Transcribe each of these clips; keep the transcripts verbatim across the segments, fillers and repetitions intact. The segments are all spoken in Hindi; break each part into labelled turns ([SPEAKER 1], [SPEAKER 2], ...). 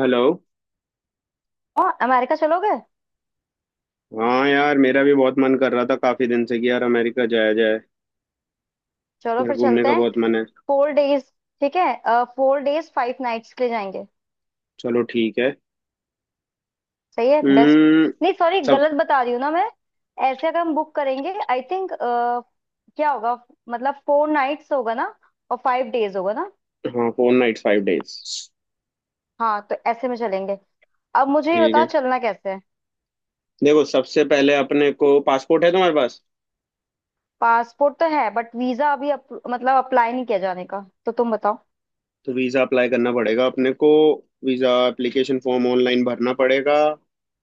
[SPEAKER 1] हेलो।
[SPEAKER 2] और अमेरिका चलोगे?
[SPEAKER 1] हाँ यार, मेरा भी बहुत मन कर रहा था काफी दिन से कि यार अमेरिका जाया जाए।
[SPEAKER 2] चलो
[SPEAKER 1] मेरा
[SPEAKER 2] फिर
[SPEAKER 1] घूमने
[SPEAKER 2] चलते
[SPEAKER 1] का
[SPEAKER 2] हैं।
[SPEAKER 1] बहुत मन है।
[SPEAKER 2] Four days. ठीक है। फोर डेज फाइव नाइट्स के लिए जाएंगे।
[SPEAKER 1] चलो ठीक है।
[SPEAKER 2] सही है, बेस्ट।
[SPEAKER 1] हम्म।
[SPEAKER 2] नहीं सॉरी,
[SPEAKER 1] सब।
[SPEAKER 2] गलत बता रही हूँ ना मैं। ऐसे अगर हम बुक करेंगे आई थिंक क्या होगा, मतलब फोर नाइट्स होगा ना और फाइव डेज होगा ना।
[SPEAKER 1] हाँ, फोर नाइट्स फाइव डेज।
[SPEAKER 2] हाँ, तो ऐसे में चलेंगे। अब मुझे ये
[SPEAKER 1] ठीक
[SPEAKER 2] बताओ
[SPEAKER 1] है।
[SPEAKER 2] चलना कैसे है।
[SPEAKER 1] देखो, सबसे पहले अपने को पासपोर्ट है तुम्हारे पास?
[SPEAKER 2] पासपोर्ट तो है बट वीजा अभी अप, मतलब अप्लाई नहीं किया जाने का। तो तुम बताओ।
[SPEAKER 1] तो वीजा अप्लाई करना पड़ेगा अपने को। वीजा एप्लीकेशन फॉर्म ऑनलाइन भरना पड़ेगा।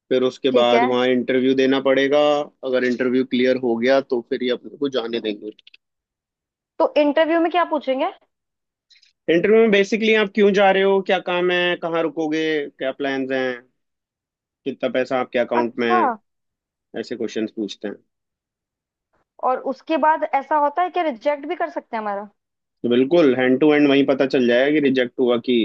[SPEAKER 1] फिर उसके
[SPEAKER 2] ठीक
[SPEAKER 1] बाद
[SPEAKER 2] है।
[SPEAKER 1] वहाँ इंटरव्यू देना पड़ेगा। अगर इंटरव्यू क्लियर हो गया तो फिर ये अपने को जाने देंगे।
[SPEAKER 2] तो इंटरव्यू में क्या पूछेंगे?
[SPEAKER 1] इंटरव्यू में बेसिकली आप क्यों जा रहे हो, क्या काम है, कहाँ रुकोगे, क्या प्लान्स हैं, कितना पैसा आपके अकाउंट में
[SPEAKER 2] अच्छा।
[SPEAKER 1] है। ऐसे क्वेश्चंस पूछते हैं।
[SPEAKER 2] और उसके बाद ऐसा होता है कि रिजेक्ट भी कर सकते हैं हमारा?
[SPEAKER 1] तो बिल्कुल हैंड टू हैंड वहीं पता चल जाएगा कि रिजेक्ट हुआ कि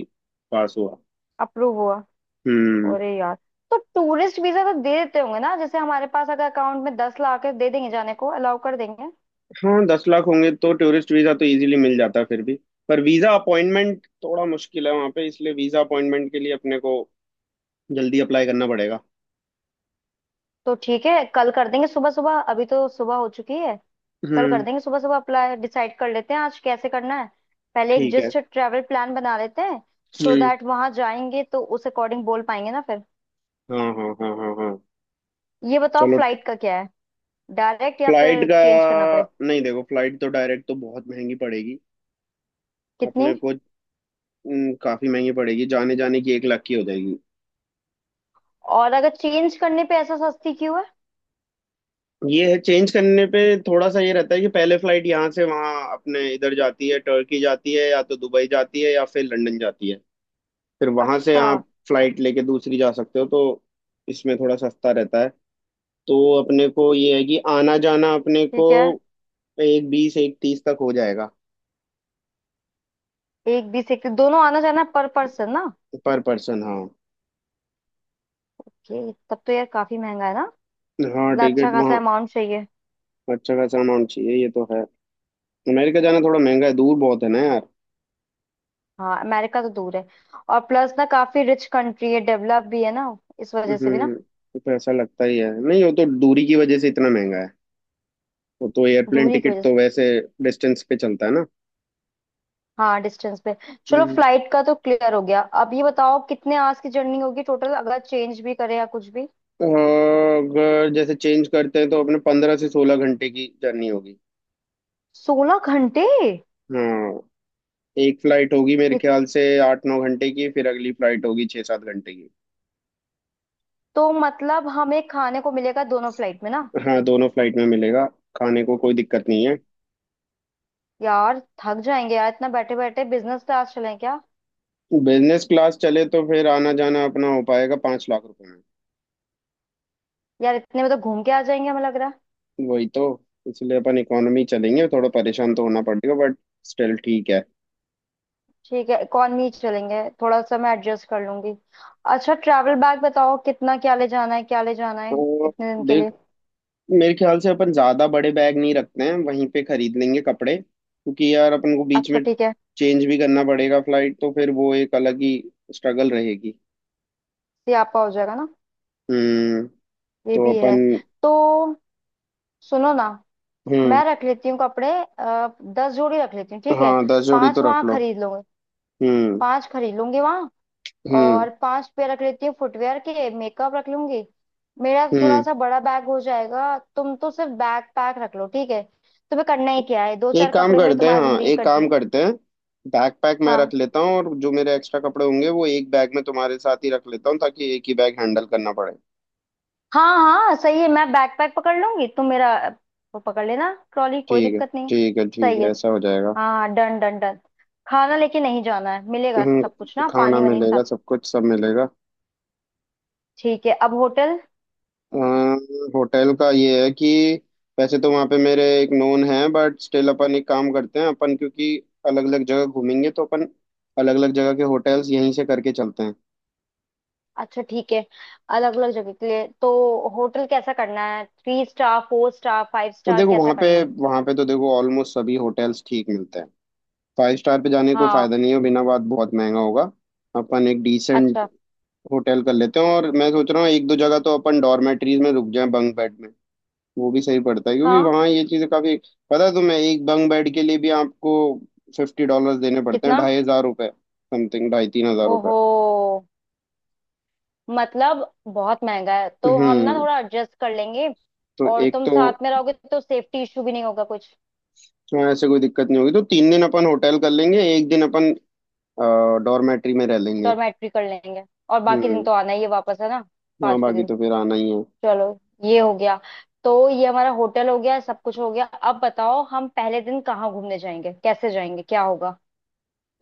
[SPEAKER 1] पास हुआ।
[SPEAKER 2] अप्रूव हुआ।
[SPEAKER 1] हम्म।
[SPEAKER 2] अरे यार। तो टूरिस्ट वीजा तो दे देते होंगे ना, जैसे हमारे पास अगर अकाउंट में दस लाख है दे देंगे जाने को अलाउ कर देंगे।
[SPEAKER 1] हाँ दस लाख होंगे तो टूरिस्ट वीजा तो इजीली मिल जाता है फिर भी। पर वीजा अपॉइंटमेंट थोड़ा मुश्किल है वहाँ पे, इसलिए वीजा अपॉइंटमेंट के लिए अपने को जल्दी अप्लाई करना पड़ेगा।
[SPEAKER 2] तो ठीक है, कल कर देंगे सुबह सुबह, अभी तो सुबह हो चुकी है। कल कर
[SPEAKER 1] हम्म।
[SPEAKER 2] देंगे सुबह सुबह अप्लाई। डिसाइड कर लेते हैं आज कैसे करना है। पहले एक
[SPEAKER 1] ठीक है।
[SPEAKER 2] जस्ट ट्रैवल प्लान बना लेते हैं। So
[SPEAKER 1] um.
[SPEAKER 2] दैट वहां जाएंगे तो उस अकॉर्डिंग बोल पाएंगे ना फिर।
[SPEAKER 1] हाँ हाँ हाँ हाँ हाँ।
[SPEAKER 2] ये बताओ
[SPEAKER 1] चलो।
[SPEAKER 2] फ्लाइट का क्या है, डायरेक्ट या
[SPEAKER 1] फ्लाइट
[SPEAKER 2] फिर
[SPEAKER 1] का?
[SPEAKER 2] चेंज करना पड़े?
[SPEAKER 1] नहीं देखो, फ्लाइट तो डायरेक्ट तो बहुत महंगी पड़ेगी
[SPEAKER 2] कितनी?
[SPEAKER 1] अपने को। हम्म, काफी महंगी पड़ेगी, जाने जाने की एक लाख की हो जाएगी।
[SPEAKER 2] और अगर चेंज करने पे ऐसा सस्ती क्यों है?
[SPEAKER 1] ये है, चेंज करने पे थोड़ा सा ये रहता है कि पहले फ्लाइट यहाँ से वहाँ अपने इधर जाती है, टर्की जाती है या तो दुबई जाती है या फिर लंदन जाती है। फिर वहां से
[SPEAKER 2] अच्छा।
[SPEAKER 1] आप फ्लाइट लेके दूसरी जा सकते हो, तो इसमें थोड़ा सस्ता रहता है। तो अपने को ये है कि आना जाना अपने को
[SPEAKER 2] ठीक है।
[SPEAKER 1] एक बीस एक तीस तक हो जाएगा।
[SPEAKER 2] एक बीस एक, दोनों आना जाना पर पर्सन ना?
[SPEAKER 1] पर पर्सन, हाँ।
[SPEAKER 2] कि तब तो यार काफी महंगा है ना।
[SPEAKER 1] हाँ
[SPEAKER 2] मतलब अच्छा
[SPEAKER 1] टिकट
[SPEAKER 2] खासा
[SPEAKER 1] वहाँ।
[SPEAKER 2] अमाउंट चाहिए।
[SPEAKER 1] अच्छा खासा अमाउंट चाहिए, ये तो है। अमेरिका जाना थोड़ा महंगा है, दूर बहुत है ना यार।
[SPEAKER 2] हाँ, अमेरिका तो दूर है। और प्लस ना काफी रिच कंट्री है, डेवलप भी है ना, इस वजह से भी ना।
[SPEAKER 1] हम्म। तो पैसा लगता ही है, नहीं वो तो दूरी की वजह से इतना महंगा है। वो तो एयरप्लेन
[SPEAKER 2] दूरी की
[SPEAKER 1] टिकट
[SPEAKER 2] वजह से।
[SPEAKER 1] तो वैसे डिस्टेंस पे चलता है ना।
[SPEAKER 2] हाँ, डिस्टेंस पे। चलो
[SPEAKER 1] हम्म।
[SPEAKER 2] फ्लाइट का तो क्लियर हो गया। अब ये बताओ कितने आवर्स की जर्नी होगी टोटल, अगर चेंज भी करे या कुछ भी।
[SPEAKER 1] अगर जैसे चेंज करते हैं तो अपने पंद्रह से सोलह घंटे की जर्नी होगी।
[SPEAKER 2] सोलह घंटे?
[SPEAKER 1] हाँ एक फ्लाइट होगी मेरे
[SPEAKER 2] ये
[SPEAKER 1] ख्याल से आठ नौ घंटे की, फिर अगली फ्लाइट होगी छः सात घंटे की।
[SPEAKER 2] तो। मतलब हमें खाने को मिलेगा दोनों फ्लाइट में ना?
[SPEAKER 1] हाँ, दोनों फ्लाइट में मिलेगा। खाने को कोई दिक्कत नहीं है।
[SPEAKER 2] यार थक जाएंगे यार, इतना बैठे बैठे, बिजनेस क्लास चलें क्या?
[SPEAKER 1] बिजनेस क्लास चले तो फिर आना जाना अपना हो पाएगा पाँच लाख रुपए में।
[SPEAKER 2] यार इतने में तो घूम के आ जाएंगे हमें लग रहा है।
[SPEAKER 1] वही तो, इसलिए अपन इकोनॉमी चलेंगे, थोड़ा परेशान तो होना पड़ेगा बट स्टिल ठीक है।
[SPEAKER 2] ठीक है, इकॉनमी चलेंगे, थोड़ा सा मैं एडजस्ट कर लूंगी। अच्छा ट्रैवल बैग बताओ, कितना, क्या ले जाना है क्या ले जाना है
[SPEAKER 1] तो
[SPEAKER 2] इतने दिन के
[SPEAKER 1] देख,
[SPEAKER 2] लिए।
[SPEAKER 1] मेरे ख्याल से अपन ज्यादा बड़े बैग नहीं रखते हैं, वहीं पे खरीद लेंगे कपड़े क्योंकि यार अपन को बीच
[SPEAKER 2] अच्छा
[SPEAKER 1] में
[SPEAKER 2] ठीक है।
[SPEAKER 1] चेंज भी करना पड़ेगा फ्लाइट, तो फिर वो एक अलग ही स्ट्रगल रहेगी।
[SPEAKER 2] ये आपका हो जाएगा ना।
[SPEAKER 1] हम्म।
[SPEAKER 2] ये
[SPEAKER 1] तो
[SPEAKER 2] भी
[SPEAKER 1] अपन।
[SPEAKER 2] है। तो सुनो ना,
[SPEAKER 1] हम्म।
[SPEAKER 2] मैं रख लेती हूँ कपड़े। आ, दस जोड़ी रख लेती हूँ, ठीक है?
[SPEAKER 1] हाँ दस जोड़ी
[SPEAKER 2] पांच
[SPEAKER 1] तो
[SPEAKER 2] वहां
[SPEAKER 1] रख लो।
[SPEAKER 2] खरीद लूंगी।
[SPEAKER 1] हम्म।
[SPEAKER 2] पांच खरीद लूंगी वहां।
[SPEAKER 1] हम्म।
[SPEAKER 2] और पांच पेयर रख लेती हूँ फुटवेयर के, मेकअप रख लूंगी। मेरा थोड़ा
[SPEAKER 1] हम्म।
[SPEAKER 2] सा बड़ा बैग हो जाएगा, तुम तो सिर्फ बैग पैक रख लो, ठीक है? तुम्हें करना ही क्या है, दो चार
[SPEAKER 1] एक काम
[SPEAKER 2] कपड़े में
[SPEAKER 1] करते हैं,
[SPEAKER 2] तुम्हारी
[SPEAKER 1] हाँ
[SPEAKER 2] जिंदगी
[SPEAKER 1] एक
[SPEAKER 2] कट
[SPEAKER 1] काम
[SPEAKER 2] जाए।
[SPEAKER 1] करते हैं, बैकपैक मैं
[SPEAKER 2] हाँ
[SPEAKER 1] रख लेता हूँ और जो मेरे एक्स्ट्रा कपड़े होंगे वो एक बैग में तुम्हारे साथ ही रख लेता हूँ ताकि एक ही बैग हैंडल करना पड़े।
[SPEAKER 2] हाँ हाँ, सही है, मैं बैकपैक पकड़ लूंगी, तुम मेरा वो पकड़ लेना ट्रॉली, कोई
[SPEAKER 1] ठीक है।
[SPEAKER 2] दिक्कत नहीं।
[SPEAKER 1] ठीक है ठीक
[SPEAKER 2] सही
[SPEAKER 1] है,
[SPEAKER 2] है।
[SPEAKER 1] ऐसा हो जाएगा।
[SPEAKER 2] हाँ, डन डन डन। खाना लेके नहीं जाना है, मिलेगा
[SPEAKER 1] हम्म,
[SPEAKER 2] सब कुछ ना,
[SPEAKER 1] खाना
[SPEAKER 2] पानी वानी
[SPEAKER 1] मिलेगा,
[SPEAKER 2] सब।
[SPEAKER 1] सब कुछ सब मिलेगा।
[SPEAKER 2] ठीक है, अब होटल।
[SPEAKER 1] अम्म, होटल का ये है कि वैसे तो वहाँ पे मेरे एक नोन है बट स्टिल अपन एक काम करते हैं, अपन क्योंकि अलग अलग जगह घूमेंगे तो अपन अलग अलग जगह के होटल्स यहीं से करके चलते हैं।
[SPEAKER 2] अच्छा ठीक है। अलग अलग जगह के लिए तो होटल कैसा करना है, three star four star five
[SPEAKER 1] तो
[SPEAKER 2] स्टार
[SPEAKER 1] देखो
[SPEAKER 2] कैसा
[SPEAKER 1] वहाँ पे,
[SPEAKER 2] करना है?
[SPEAKER 1] वहाँ पे तो देखो ऑलमोस्ट सभी होटल्स ठीक मिलते हैं। फाइव स्टार पे जाने का कोई
[SPEAKER 2] हाँ।
[SPEAKER 1] फायदा नहीं है, बिना बात बहुत महंगा होगा। अपन एक डिसेंट
[SPEAKER 2] अच्छा।
[SPEAKER 1] होटल कर लेते हैं, और मैं सोच रहा हूँ एक दो जगह तो अपन डॉर्मेटरीज में रुक जाएं बंक बेड में। वो भी सही पड़ता है क्योंकि
[SPEAKER 2] हाँ।
[SPEAKER 1] वहाँ ये चीजें काफी। पता है तुम्हें एक बंग बेड के लिए भी आपको फिफ्टी डॉलर्स देने पड़ते हैं,
[SPEAKER 2] कितना?
[SPEAKER 1] ढाई हजार रुपए। समथिंग ढाई तीन हजार रुपए।
[SPEAKER 2] ओहो। मतलब बहुत महंगा है, तो हम ना
[SPEAKER 1] हम्म।
[SPEAKER 2] थोड़ा एडजस्ट कर लेंगे।
[SPEAKER 1] तो
[SPEAKER 2] और
[SPEAKER 1] एक
[SPEAKER 2] तुम
[SPEAKER 1] तो।
[SPEAKER 2] साथ में रहोगे तो सेफ्टी इशू भी नहीं होगा कुछ।
[SPEAKER 1] हाँ ऐसे कोई दिक्कत नहीं होगी, तो तीन दिन अपन होटल कर लेंगे, एक दिन अपन डॉर्मेट्री में रह लेंगे।
[SPEAKER 2] डॉर्मेट्री कर लेंगे, और बाकी दिन
[SPEAKER 1] हम्म।
[SPEAKER 2] तो आना ही है वापस, है ना?
[SPEAKER 1] हाँ
[SPEAKER 2] पांचवे
[SPEAKER 1] बाकी
[SPEAKER 2] दिन।
[SPEAKER 1] तो फिर आना ही है।
[SPEAKER 2] चलो ये हो गया। तो ये हमारा होटल हो गया, सब कुछ हो गया। अब बताओ हम पहले दिन कहाँ घूमने जाएंगे, कैसे जाएंगे, क्या होगा?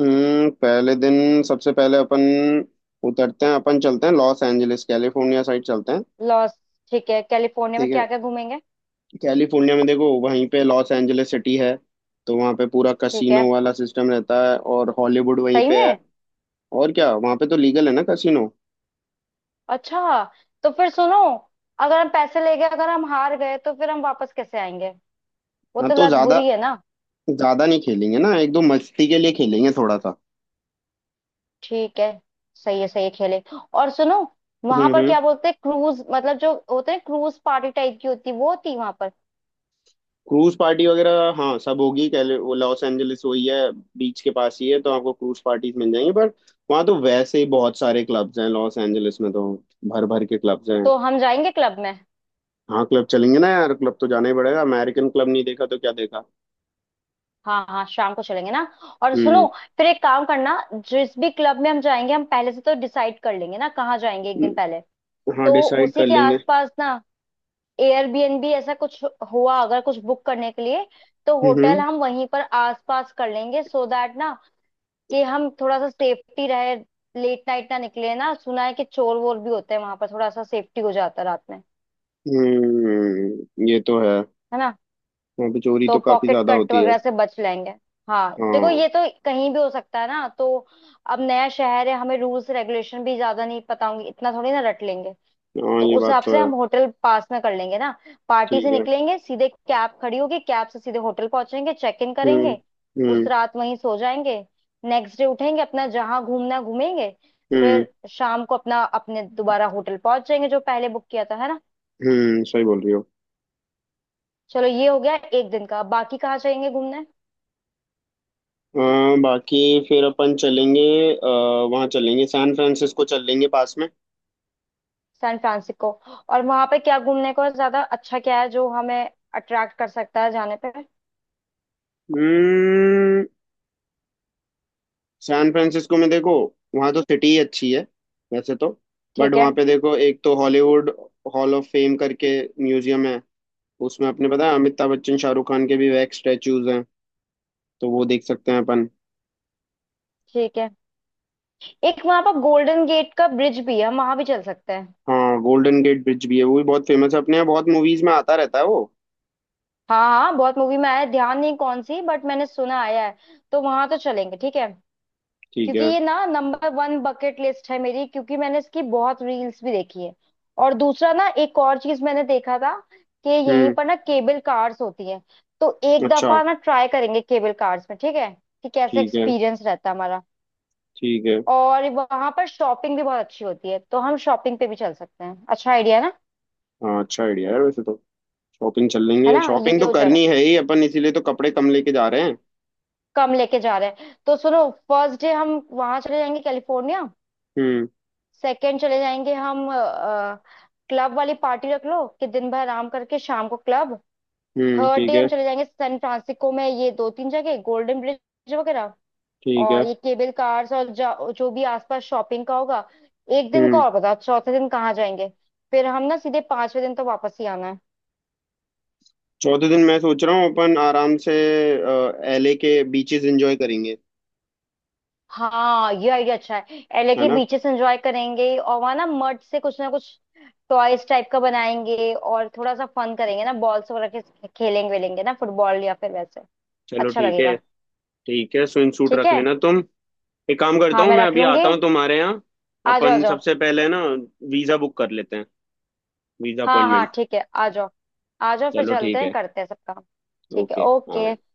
[SPEAKER 1] हम्म, पहले दिन सबसे पहले अपन उतरते हैं, अपन चलते हैं लॉस एंजलिस कैलिफोर्निया साइड चलते हैं।
[SPEAKER 2] लॉस। ठीक है, कैलिफोर्निया में
[SPEAKER 1] ठीक है।
[SPEAKER 2] क्या क्या घूमेंगे?
[SPEAKER 1] कैलिफोर्निया में देखो वहीं पे लॉस एंजलिस सिटी है। तो वहाँ पे पूरा
[SPEAKER 2] ठीक
[SPEAKER 1] कसिनो
[SPEAKER 2] है।
[SPEAKER 1] वाला सिस्टम रहता है और हॉलीवुड वहीं
[SPEAKER 2] सही
[SPEAKER 1] पे है।
[SPEAKER 2] में?
[SPEAKER 1] और क्या, वहाँ पे तो लीगल है ना कसिनो।
[SPEAKER 2] अच्छा। तो फिर सुनो, अगर हम पैसे ले गए, अगर हम हार गए, तो फिर हम वापस कैसे आएंगे? वो
[SPEAKER 1] हाँ
[SPEAKER 2] तो
[SPEAKER 1] तो
[SPEAKER 2] लत
[SPEAKER 1] ज्यादा,
[SPEAKER 2] बुरी है ना।
[SPEAKER 1] ज्यादा नहीं खेलेंगे ना, एक दो मस्ती के लिए खेलेंगे थोड़ा सा।
[SPEAKER 2] ठीक है। सही है, सही है, खेले। और सुनो,
[SPEAKER 1] हम्म।
[SPEAKER 2] वहां पर
[SPEAKER 1] हम्म।
[SPEAKER 2] क्या बोलते हैं क्रूज, मतलब जो होते हैं क्रूज पार्टी टाइप की होती है, वो होती है वहां पर?
[SPEAKER 1] क्रूज पार्टी वगैरह हाँ सब होगी, कैले वो लॉस एंजलिस वही है, बीच के पास ही है, तो आपको क्रूज पार्टीज मिल जाएंगी। पर वहाँ तो वैसे ही बहुत सारे क्लब्स हैं लॉस एंजलिस में, तो भर भर के क्लब्स हैं।
[SPEAKER 2] तो हम जाएंगे क्लब में?
[SPEAKER 1] हाँ क्लब चलेंगे ना यार, क्लब तो जाना ही पड़ेगा, अमेरिकन क्लब नहीं देखा तो क्या देखा।
[SPEAKER 2] हाँ हाँ, शाम को चलेंगे ना। और सुनो, फिर एक काम करना। जिस भी क्लब में हम जाएंगे, हम पहले से तो डिसाइड कर लेंगे ना कहाँ जाएंगे, एक दिन
[SPEAKER 1] हम्म।
[SPEAKER 2] पहले।
[SPEAKER 1] हाँ
[SPEAKER 2] तो
[SPEAKER 1] डिसाइड
[SPEAKER 2] उसी
[SPEAKER 1] कर
[SPEAKER 2] के
[SPEAKER 1] लेंगे।
[SPEAKER 2] आसपास ना एयरबीएनबी ऐसा कुछ हुआ अगर कुछ बुक करने के लिए, तो होटल
[SPEAKER 1] हम्म।
[SPEAKER 2] हम वहीं पर आसपास कर लेंगे सो दैट ना, कि हम थोड़ा सा सेफ्टी रहे। लेट नाइट ना निकले ना, सुना है कि चोर वोर भी होते हैं वहां पर, थोड़ा सा सेफ्टी हो जाता है रात में,
[SPEAKER 1] हम्म, ये तो है।
[SPEAKER 2] है ना?
[SPEAKER 1] वहाँ पे चोरी
[SPEAKER 2] तो
[SPEAKER 1] तो काफी
[SPEAKER 2] पॉकेट
[SPEAKER 1] ज्यादा
[SPEAKER 2] कट
[SPEAKER 1] होती है।
[SPEAKER 2] वगैरह से बच लेंगे। हाँ देखो,
[SPEAKER 1] हाँ।
[SPEAKER 2] ये तो कहीं भी हो सकता है ना, तो अब नया शहर है, हमें रूल्स रेगुलेशन भी ज्यादा नहीं पता होंगे, इतना थोड़ी ना रट लेंगे।
[SPEAKER 1] हाँ
[SPEAKER 2] तो
[SPEAKER 1] ये
[SPEAKER 2] उस
[SPEAKER 1] बात
[SPEAKER 2] हिसाब
[SPEAKER 1] तो
[SPEAKER 2] से
[SPEAKER 1] है।
[SPEAKER 2] हम होटल पास में कर लेंगे ना। पार्टी से
[SPEAKER 1] ठीक है।
[SPEAKER 2] निकलेंगे सीधे, कैब खड़ी होगी, कैब से सीधे होटल पहुंचेंगे, चेक इन
[SPEAKER 1] हम्म।
[SPEAKER 2] करेंगे। उस
[SPEAKER 1] हम्म।
[SPEAKER 2] रात वहीं सो जाएंगे। नेक्स्ट डे उठेंगे, अपना जहां घूमना है घूमेंगे।
[SPEAKER 1] हम्म।
[SPEAKER 2] फिर शाम को अपना अपने दोबारा होटल पहुंच जाएंगे जो पहले बुक किया था, है ना?
[SPEAKER 1] हम्म सही बोल रही हो।
[SPEAKER 2] चलो ये हो गया एक दिन का, बाकी कहाँ जाएंगे घूमने?
[SPEAKER 1] अ, बाकी, फिर अपन चलेंगे, आ, वहाँ चलेंगे, सैन फ्रांसिस्को चल लेंगे पास में।
[SPEAKER 2] San Francisco. और वहां पे क्या घूमने को है ज्यादा, अच्छा क्या है जो हमें अट्रैक्ट कर सकता है जाने पे?
[SPEAKER 1] हम्म। सैन फ्रांसिस्को में देखो, वहाँ तो सिटी ही अच्छी है वैसे तो, बट
[SPEAKER 2] ठीक है।
[SPEAKER 1] वहाँ पे देखो एक तो हॉलीवुड हॉल ऑफ फेम करके म्यूजियम है, उसमें अपने पता है अमिताभ बच्चन शाहरुख खान के भी वैक्स स्टैचूज हैं, तो वो देख सकते हैं अपन।
[SPEAKER 2] ठीक है। एक वहां पर गोल्डन गेट का ब्रिज भी है, हम वहां भी चल सकते हैं।
[SPEAKER 1] हाँ गोल्डन गेट ब्रिज भी है, वो भी बहुत फेमस है, अपने यहाँ बहुत मूवीज में आता रहता है वो।
[SPEAKER 2] हाँ हाँ, बहुत मूवी में आया है, ध्यान नहीं कौन सी, बट मैंने सुना आया है। तो वहां तो चलेंगे, ठीक है।
[SPEAKER 1] ठीक
[SPEAKER 2] क्योंकि
[SPEAKER 1] है।
[SPEAKER 2] ये ना नंबर वन बकेट लिस्ट है मेरी, क्योंकि मैंने इसकी बहुत रील्स भी देखी है। और दूसरा ना, एक और चीज मैंने देखा था कि यहीं
[SPEAKER 1] हम्म।
[SPEAKER 2] पर ना केबल कार्स होती है। तो एक
[SPEAKER 1] अच्छा
[SPEAKER 2] दफा ना ट्राई करेंगे केबल कार्स में, ठीक है, कि कैसे
[SPEAKER 1] ठीक है।
[SPEAKER 2] एक्सपीरियंस रहता है हमारा।
[SPEAKER 1] ठीक है।
[SPEAKER 2] और वहां पर शॉपिंग भी बहुत अच्छी होती है, तो हम शॉपिंग पे भी चल सकते हैं, अच्छा आइडिया ना।
[SPEAKER 1] हाँ अच्छा आइडिया है वैसे तो, शॉपिंग चल
[SPEAKER 2] है
[SPEAKER 1] लेंगे,
[SPEAKER 2] ना?
[SPEAKER 1] शॉपिंग
[SPEAKER 2] ये
[SPEAKER 1] तो
[SPEAKER 2] हो जाएगा।
[SPEAKER 1] करनी है ही अपन, इसीलिए तो कपड़े कम लेके जा रहे हैं।
[SPEAKER 2] कम लेके जा रहे हैं, तो सुनो, फर्स्ट डे हम वहां चले जाएंगे कैलिफोर्निया।
[SPEAKER 1] हम्म।
[SPEAKER 2] सेकंड चले जाएंगे हम, क्लब वाली पार्टी रख लो, कि दिन भर आराम करके शाम को क्लब।
[SPEAKER 1] हम्म।
[SPEAKER 2] थर्ड
[SPEAKER 1] ठीक
[SPEAKER 2] डे हम
[SPEAKER 1] है।
[SPEAKER 2] चले जाएंगे सैन फ्रांसिस्को में, ये दो तीन जगह गोल्डन ब्रिज वगैरह,
[SPEAKER 1] ठीक
[SPEAKER 2] और
[SPEAKER 1] है।
[SPEAKER 2] ये केबल कार्स, और जा- जो भी आसपास शॉपिंग का होगा। एक दिन का
[SPEAKER 1] हम्म।
[SPEAKER 2] और बताओ, चौथे दिन कहाँ जाएंगे? फिर हम ना सीधे पांचवे दिन तो वापस ही आना है।
[SPEAKER 1] चौथे दिन मैं सोच रहा हूँ अपन आराम से एलए के बीचेस एंजॉय करेंगे,
[SPEAKER 2] हाँ ये आइडिया अच्छा है, एलए
[SPEAKER 1] है
[SPEAKER 2] के
[SPEAKER 1] ना।
[SPEAKER 2] बीचेस एंजॉय करेंगे, और वहां ना मड से कुछ ना कुछ टॉयज टाइप का बनाएंगे और थोड़ा सा फन करेंगे ना, बॉल्स वगैरह के खेलेंगे वेलेंगे ना, फुटबॉल या फिर वैसे।
[SPEAKER 1] चलो
[SPEAKER 2] अच्छा
[SPEAKER 1] ठीक है।
[SPEAKER 2] लगेगा।
[SPEAKER 1] ठीक है, स्विम सूट
[SPEAKER 2] ठीक
[SPEAKER 1] रख
[SPEAKER 2] है।
[SPEAKER 1] लेना तुम। एक काम करता
[SPEAKER 2] हाँ
[SPEAKER 1] हूँ,
[SPEAKER 2] मैं
[SPEAKER 1] मैं
[SPEAKER 2] रख
[SPEAKER 1] अभी
[SPEAKER 2] लूंगी।
[SPEAKER 1] आता हूँ तुम्हारे यहाँ।
[SPEAKER 2] आ जाओ आ
[SPEAKER 1] अपन
[SPEAKER 2] जाओ।
[SPEAKER 1] सबसे पहले ना वीज़ा बुक कर लेते हैं, वीज़ा
[SPEAKER 2] हाँ हाँ
[SPEAKER 1] अपॉइंटमेंट।
[SPEAKER 2] ठीक है, आ जाओ। आ जाओ फिर
[SPEAKER 1] चलो
[SPEAKER 2] चलते
[SPEAKER 1] ठीक
[SPEAKER 2] हैं,
[SPEAKER 1] है।
[SPEAKER 2] करते हैं सब काम। ठीक है,
[SPEAKER 1] ओके। हाँ।
[SPEAKER 2] ओके।